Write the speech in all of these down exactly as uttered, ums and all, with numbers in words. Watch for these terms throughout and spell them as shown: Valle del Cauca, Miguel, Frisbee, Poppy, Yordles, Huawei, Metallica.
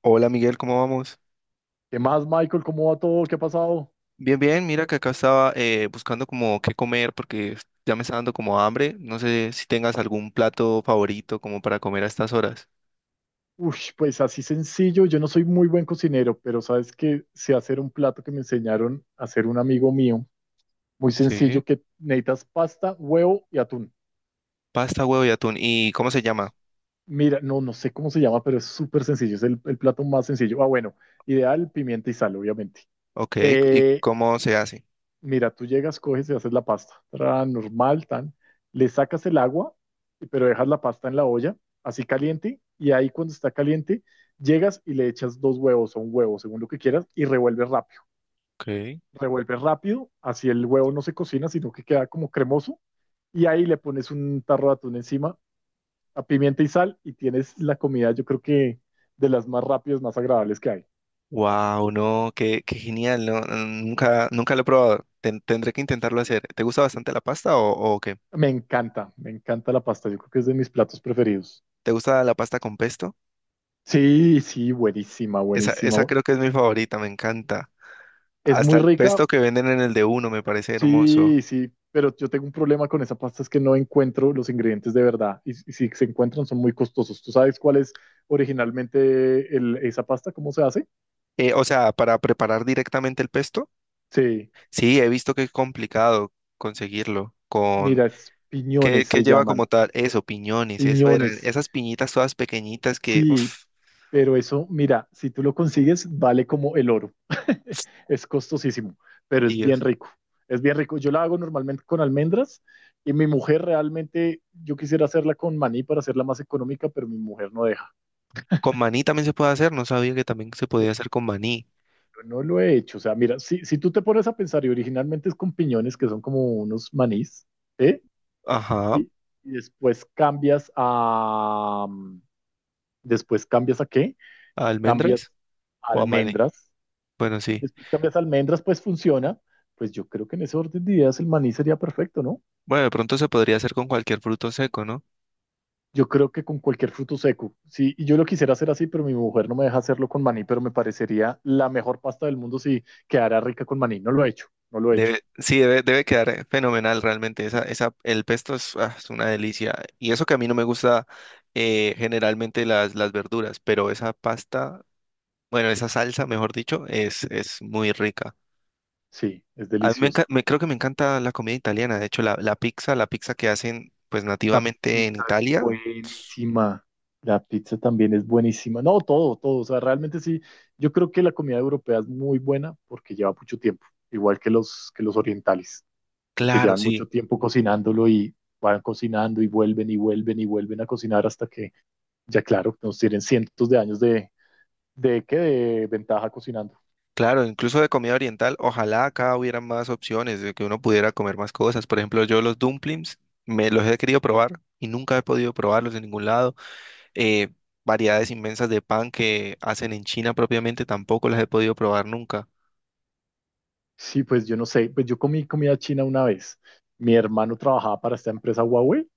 Hola Miguel, ¿cómo vamos? ¿Qué más, Michael? ¿Cómo va todo? ¿Qué ha pasado? Bien, bien, mira que acá estaba eh, buscando como qué comer porque ya me está dando como hambre. No sé si tengas algún plato favorito como para comer a estas horas. Ush, pues así sencillo, yo no soy muy buen cocinero, pero sabes que sé hacer un plato que me enseñaron a hacer un amigo mío, muy Sí. sencillo, que necesitas pasta, huevo y atún. Pasta, huevo y atún. ¿Y cómo se S- llama? Mira, no, no sé cómo se llama, pero es súper sencillo, es el, el plato más sencillo. Ah, bueno, ideal, pimienta y sal, obviamente. Ok, ¿y Eh, cómo se hace? Mira, tú llegas, coges y haces la pasta. Tra, normal, tan. Le sacas el agua, y- pero dejas la pasta en la olla, así caliente. Y ahí cuando está caliente, llegas y le echas dos huevos o un huevo, según lo que quieras, y revuelves rápido. Ok. Revuelves rápido, así el huevo no se cocina, sino que queda como cremoso. Y ahí le pones un tarro de atún encima, a pimienta y sal, y tienes la comida, yo creo que de las más rápidas, más agradables que hay. Wow, no, qué, qué genial, no. Mm, nunca, nunca lo he probado. Ten- tendré que intentarlo hacer. ¿Te gusta bastante la pasta o, o qué? Me encanta, me encanta la pasta. Yo creo que es de mis platos preferidos. ¿Te gusta la pasta con pesto? Sí, sí, buenísima, Esa, buenísima. esa bu- creo que es mi favorita, me encanta. Es Hasta muy el rica, pesto que venden en el de uno me parece hermoso. sí, sí, pero yo tengo un problema con esa pasta, es que no encuentro los ingredientes de verdad y, s- y si se encuentran son muy costosos. ¿Tú sabes cuál es originalmente el- esa pasta? ¿Cómo se hace? Eh, o sea, para preparar directamente el pesto, Sí, sí, he visto que es complicado conseguirlo. Con mira, es ¿qué, piñones qué se lleva como llaman, tal? Eso, piñones, eso eran, piñones. esas piñitas todas pequeñitas que, Sí, uff, pero eso, mira, si tú lo consigues, vale como el oro. Es costosísimo, pero es bien Dios. rico. Es bien rico. Yo la hago normalmente con almendras y mi mujer realmente, yo quisiera hacerla con maní para hacerla más económica, pero mi mujer no deja. Con maní también se puede hacer, no sabía que también se podía hacer con maní. No lo he hecho. O sea, mira, si, si tú te pones a pensar y originalmente es con piñones que son como unos manís, ¿eh? Ajá, Y, y después cambias a... mm, ¿Después cambias a qué? ¿a Cambias almendras a o a maní? almendras. Bueno, sí. Después cambias a almendras, pues funciona. Pues yo creo que en ese orden de ideas el maní sería perfecto, ¿no? Bueno, de pronto se podría hacer con cualquier fruto seco, ¿no? Yo creo que con cualquier fruto seco, sí, y yo lo quisiera hacer así, pero mi mujer no me deja hacerlo con maní, pero me parecería la mejor pasta del mundo si quedara rica con maní. No lo he hecho, no lo he hecho. Debe, sí, debe, debe quedar fenomenal realmente. Esa, esa, el pesto es, ah, es una delicia. Y eso que a mí no me gusta eh, generalmente las, las verduras, pero esa pasta, bueno, esa salsa, mejor dicho, es, es muy rica. Sí, es A mí me, delicioso. enca- me- creo que me encanta la comida italiana. De hecho, la, la pizza, la pizza que hacen pues La nativamente en pizza es Italia, buenísima. La pizza también es buenísima. No, todo, todo. O sea, realmente sí. Yo creo que la comida europea es muy buena porque lleva mucho tiempo, igual que los, que los orientales, porque claro, llevan sí. mucho tiempo cocinándolo y van cocinando y vuelven y vuelven y vuelven a cocinar hasta que, ya claro, nos tienen cientos de años de, de, ¿qué? De ventaja cocinando. Claro, incluso de comida oriental, ojalá acá hubiera más opciones, de que uno pudiera comer más cosas. Por ejemplo, yo los dumplings me los he querido probar y nunca he podido probarlos en ningún lado. eh, Variedades inmensas de pan que hacen en China propiamente, tampoco las he podido probar nunca. Sí, pues yo no sé. Pues yo comí comida china una vez. Mi hermano trabajaba para esta empresa Huawei.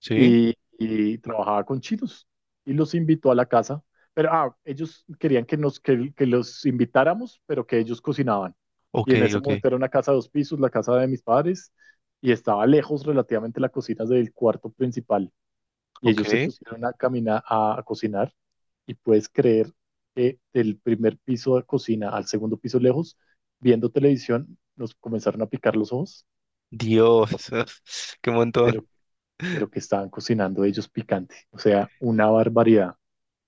¿Sí? y, y trabajaba con chinos y los invitó a la casa. Pero ah, ellos querían que, nos, que, que los invitáramos, pero que ellos cocinaban. Y Ok, en ese ok, momento era una casa de dos pisos, la casa de mis padres, y estaba lejos relativamente la cocina del cuarto principal. Y ellos se ok. pusieron a caminar, a, a cocinar, y puedes creer que del primer piso de cocina al segundo piso lejos, viendo televisión, nos comenzaron a picar los ojos Dios, qué de montón. lo, de lo que estaban cocinando ellos picante. O sea, una barbaridad.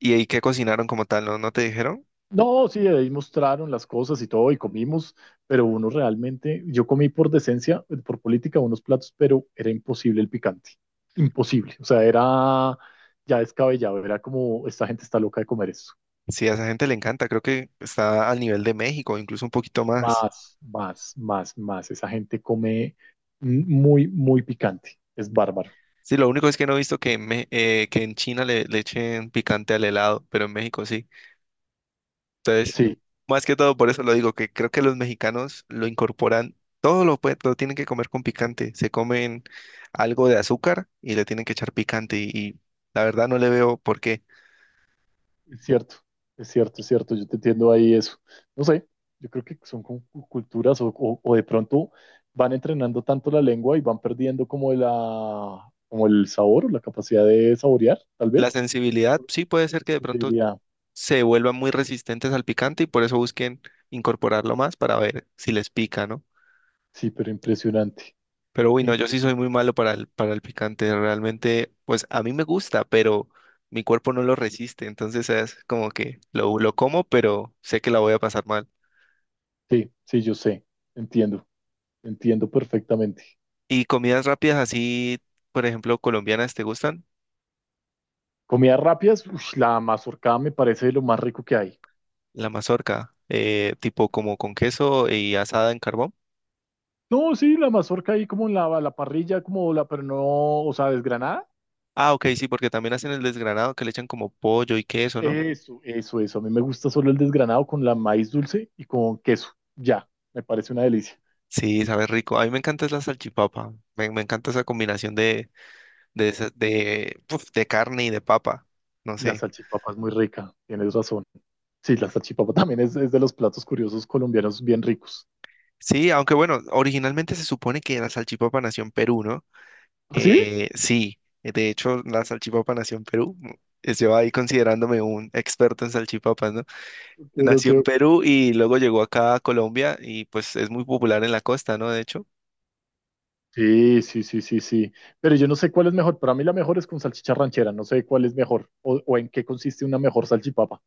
¿Y ahí qué cocinaron como tal? ¿No, no te dijeron? No, sí, ahí mostraron las cosas y todo, y comimos, pero uno realmente, yo comí por decencia, por política, unos platos, pero era imposible el picante, imposible, o sea, era ya descabellado, era como, esta gente está loca de comer eso, Sí, a esa gente le encanta, creo que está al nivel de México, incluso un poquito más. más, más, más, más, esa gente come muy, muy picante, es bárbaro, Sí, lo único es que no he visto que en, Me- eh, que en China le, le echen picante al helado, pero en México sí. Entonces, sí. más que todo por eso lo digo, que creo que los mexicanos lo incorporan, todo lo, pue- lo tienen que comer con picante, se comen algo de azúcar y le tienen que echar picante y, y la verdad no le veo por qué. Es cierto, es cierto, es cierto, yo te entiendo ahí eso. No sé, yo creo que son como cu- culturas o, o- o de pronto van entrenando tanto la lengua y van perdiendo como la, como el sabor o la capacidad de saborear, tal La vez. sensibilidad sí puede ser que de La pronto sería. se vuelvan muy resistentes al picante y por eso busquen incorporarlo más para ver si les pica, ¿no? Sí, pero impresionante, Pero bueno, yo sí soy impresionante. muy malo para el, para el picante. Realmente, pues a mí me gusta, pero mi cuerpo no lo resiste. Entonces es como que lo, lo como, pero sé que la voy a pasar mal. Sí, sí, yo sé, entiendo, entiendo perfectamente. ¿Y comidas rápidas así, por ejemplo, colombianas, te gustan? Comidas rápidas, ush, la mazorca me parece lo más rico que hay. La mazorca, eh, tipo como con queso y asada en carbón. No, sí, la mazorca ahí como en la, la parrilla, como la, pero no, o sea, desgranada. Ah, ok, sí, porque también hacen el desgranado que le echan como pollo y queso, ¿no? Eso, eso, eso. A mí me gusta solo el desgranado con la maíz dulce y con queso. Ya, me parece una delicia. Sí, sabe rico. A mí me encanta es la salchipapa. Me, me encanta esa combinación de, de, esa- de, uf, de carne y de papa. No La sé. salchipapa es muy rica, tienes razón. Sí, la salchipapa también es, es de los platos curiosos colombianos bien ricos. Sí, aunque bueno, originalmente se supone que la salchipapa nació en Perú, ¿no? ¿Ah, sí? Eh, sí, de hecho, la salchipapa nació en Perú. Es yo ahí considerándome un experto en salchipapas, ¿no? Ok, ok, Nació en ok. Perú y luego llegó acá a Colombia y pues es muy popular en la costa, ¿no? De hecho, Sí, sí, sí, sí, sí. Pero yo no sé cuál es mejor. Para mí la mejor es con salchicha ranchera. No sé cuál es mejor o, o en qué consiste una mejor salchipapa.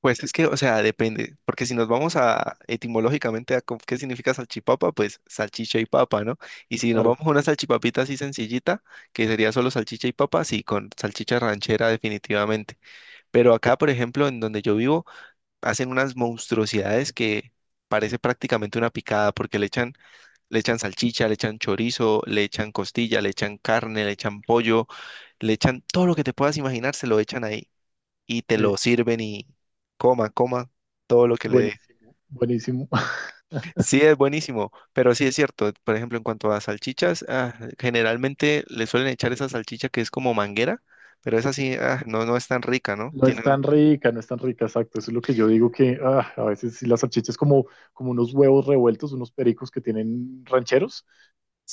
pues es que, o sea, depende, porque si nos vamos a etimológicamente a co- qué significa salchipapa, pues salchicha y papa, ¿no? Y si nos vamos Claro. a una salchipapita así sencillita, que sería solo salchicha y papa, sí, con salchicha ranchera definitivamente. Pero acá, por ejemplo, en donde yo vivo, hacen unas monstruosidades que parece prácticamente una picada, porque le echan, le echan salchicha, le echan chorizo, le echan costilla, le echan carne, le echan pollo, le echan todo lo que te puedas imaginar, se lo echan ahí y te lo eh, sirven y coma, coma todo lo que le dé. Buenísimo, buenísimo. Sí, es buenísimo, pero sí es cierto. Por ejemplo, en cuanto a salchichas, ah, generalmente le suelen echar esa salchicha que es como manguera, pero esa sí, ah, no, no es tan rica, ¿no? No es Tienen, tan rica, no es tan rica, exacto. Eso es lo que yo digo que ah, a veces sí las salchichas como, como unos huevos revueltos, unos pericos que tienen rancheros,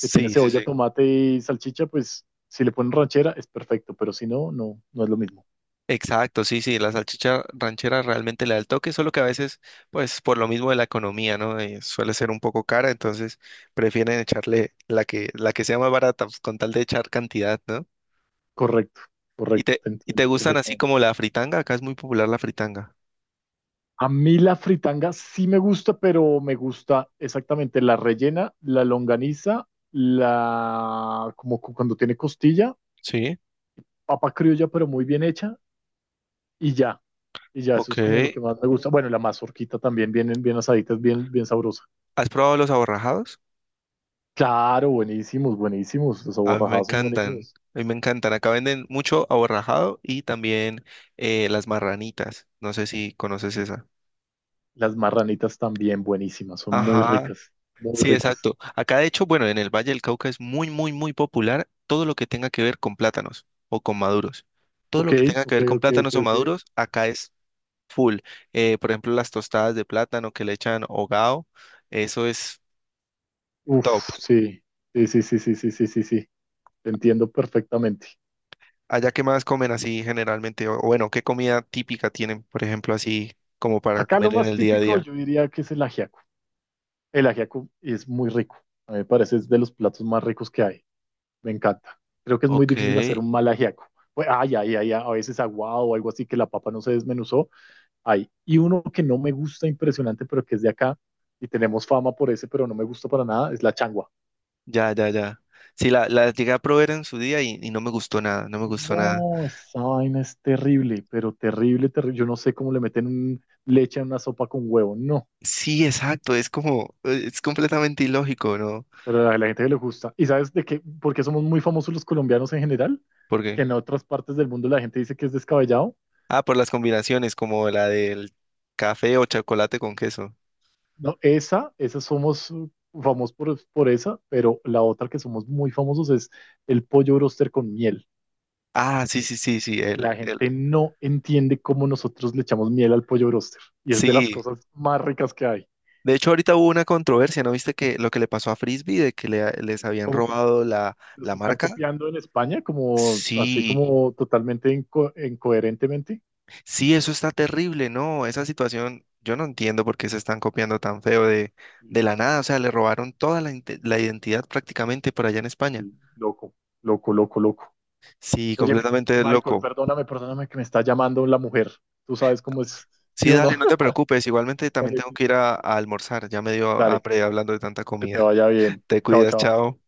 que tiene sí, cebolla, sí. tomate y salchicha, pues si le ponen ranchera es perfecto, pero si no, no, no es lo mismo. Exacto, sí, sí, la salchicha ranchera realmente le da el toque, solo que a veces, pues por lo mismo de la economía, ¿no? Eh, suele ser un poco cara, entonces prefieren echarle la que, la que sea más barata, pues, con tal de echar cantidad, ¿no? Correcto, ¿Y correcto, te, te ¿y te entiendo gustan así perfectamente. como la fritanga? Acá es muy popular la fritanga. A mí la fritanga sí me gusta, pero me gusta exactamente la rellena, la longaniza, la como cu- cuando tiene costilla, Sí, papa criolla, pero muy bien hecha, y ya. Y ya eso ok. es como lo que más me gusta. Bueno, la mazorquita también, bien, bien asaditas, bien, bien sabrosa. ¿Has probado los aborrajados? Claro, buenísimos, buenísimos. Los A mí me aborrajados son encantan, buenísimos. a mí me encantan. Acá venden mucho aborrajado y también eh, las marranitas. No sé si conoces esa. Las marranitas también buenísimas, son muy Ajá, ricas, muy sí, ricas. exacto. Acá, de hecho, bueno, en el Valle del Cauca es muy, muy, muy popular todo lo que tenga que ver con plátanos o con maduros. Todo Ok, lo que tenga que ok, ver con ok, ok, plátanos o ok. maduros, acá es full. Eh, por ejemplo, las tostadas de plátano que le echan hogao, eso es top. Uf, sí, sí, sí, sí, sí, sí, sí, sí, sí. Te entiendo perfectamente. Allá, ¿qué más comen así generalmente? O o bueno, ¿qué comida típica tienen, por ejemplo, así como para Acá lo comer en más el día a típico día? yo diría que es el ajiaco. El ajiaco es muy rico. A mí me parece es de los platos más ricos que hay. Me encanta. Creo que es muy Ok, difícil hacer un mal ajiaco. Pues, ay, ay, ay, a veces aguado o algo así que la papa no se desmenuzó. Ay. Y uno que no me gusta impresionante, pero que es de acá y tenemos fama por ese, pero no me gusta para nada, es la changua. ya, ya, ya. Sí, la, la llegué a probar en su día y, y no me gustó nada, no me gustó nada. No, esa vaina es terrible, pero terrible, terrible. Yo no sé cómo le meten un- leche a una sopa con huevo. No, Sí, exacto, es como, eh, es completamente ilógico, ¿no? pero a la gente que le gusta. ¿Y sabes de qué? ¿Por qué somos muy famosos los colombianos en general? Que Porque, en otras partes del mundo la gente dice que es descabellado. ah, por las combinaciones, como la del café o chocolate con queso. No, esa, esa somos uh, famosos por, por esa, pero la otra que somos muy famosos es el pollo broster con miel. Ah, sí, sí, sí, sí, él, La él. gente no entiende cómo nosotros le echamos miel al pollo broster y es de las Sí, cosas más ricas que hay. de hecho ahorita hubo una controversia, ¿no viste que lo que le pasó a Frisbee de que le- les habían Como que robado la, los la están marca? copiando en España, como así Sí, como totalmente inco- incoherentemente. sí, eso está terrible, ¿no? Esa situación, yo no entiendo por qué se están copiando tan feo de, de Y- la nada, o sea, le robaron toda la, inte- la identidad prácticamente por allá en España. y loco, loco, loco, loco. Sí, Oye, completamente Michael, loco. perdóname, perdóname que me está llamando la mujer. Tú sabes cómo es, ¿sí Sí, o no? dale, no te preocupes. Igualmente también Dale, tengo que ir a, a almorzar. Ya me dio dale. hambre hablando de tanta Que te comida. vaya bien. Te Chao, cuidas, chao. chao.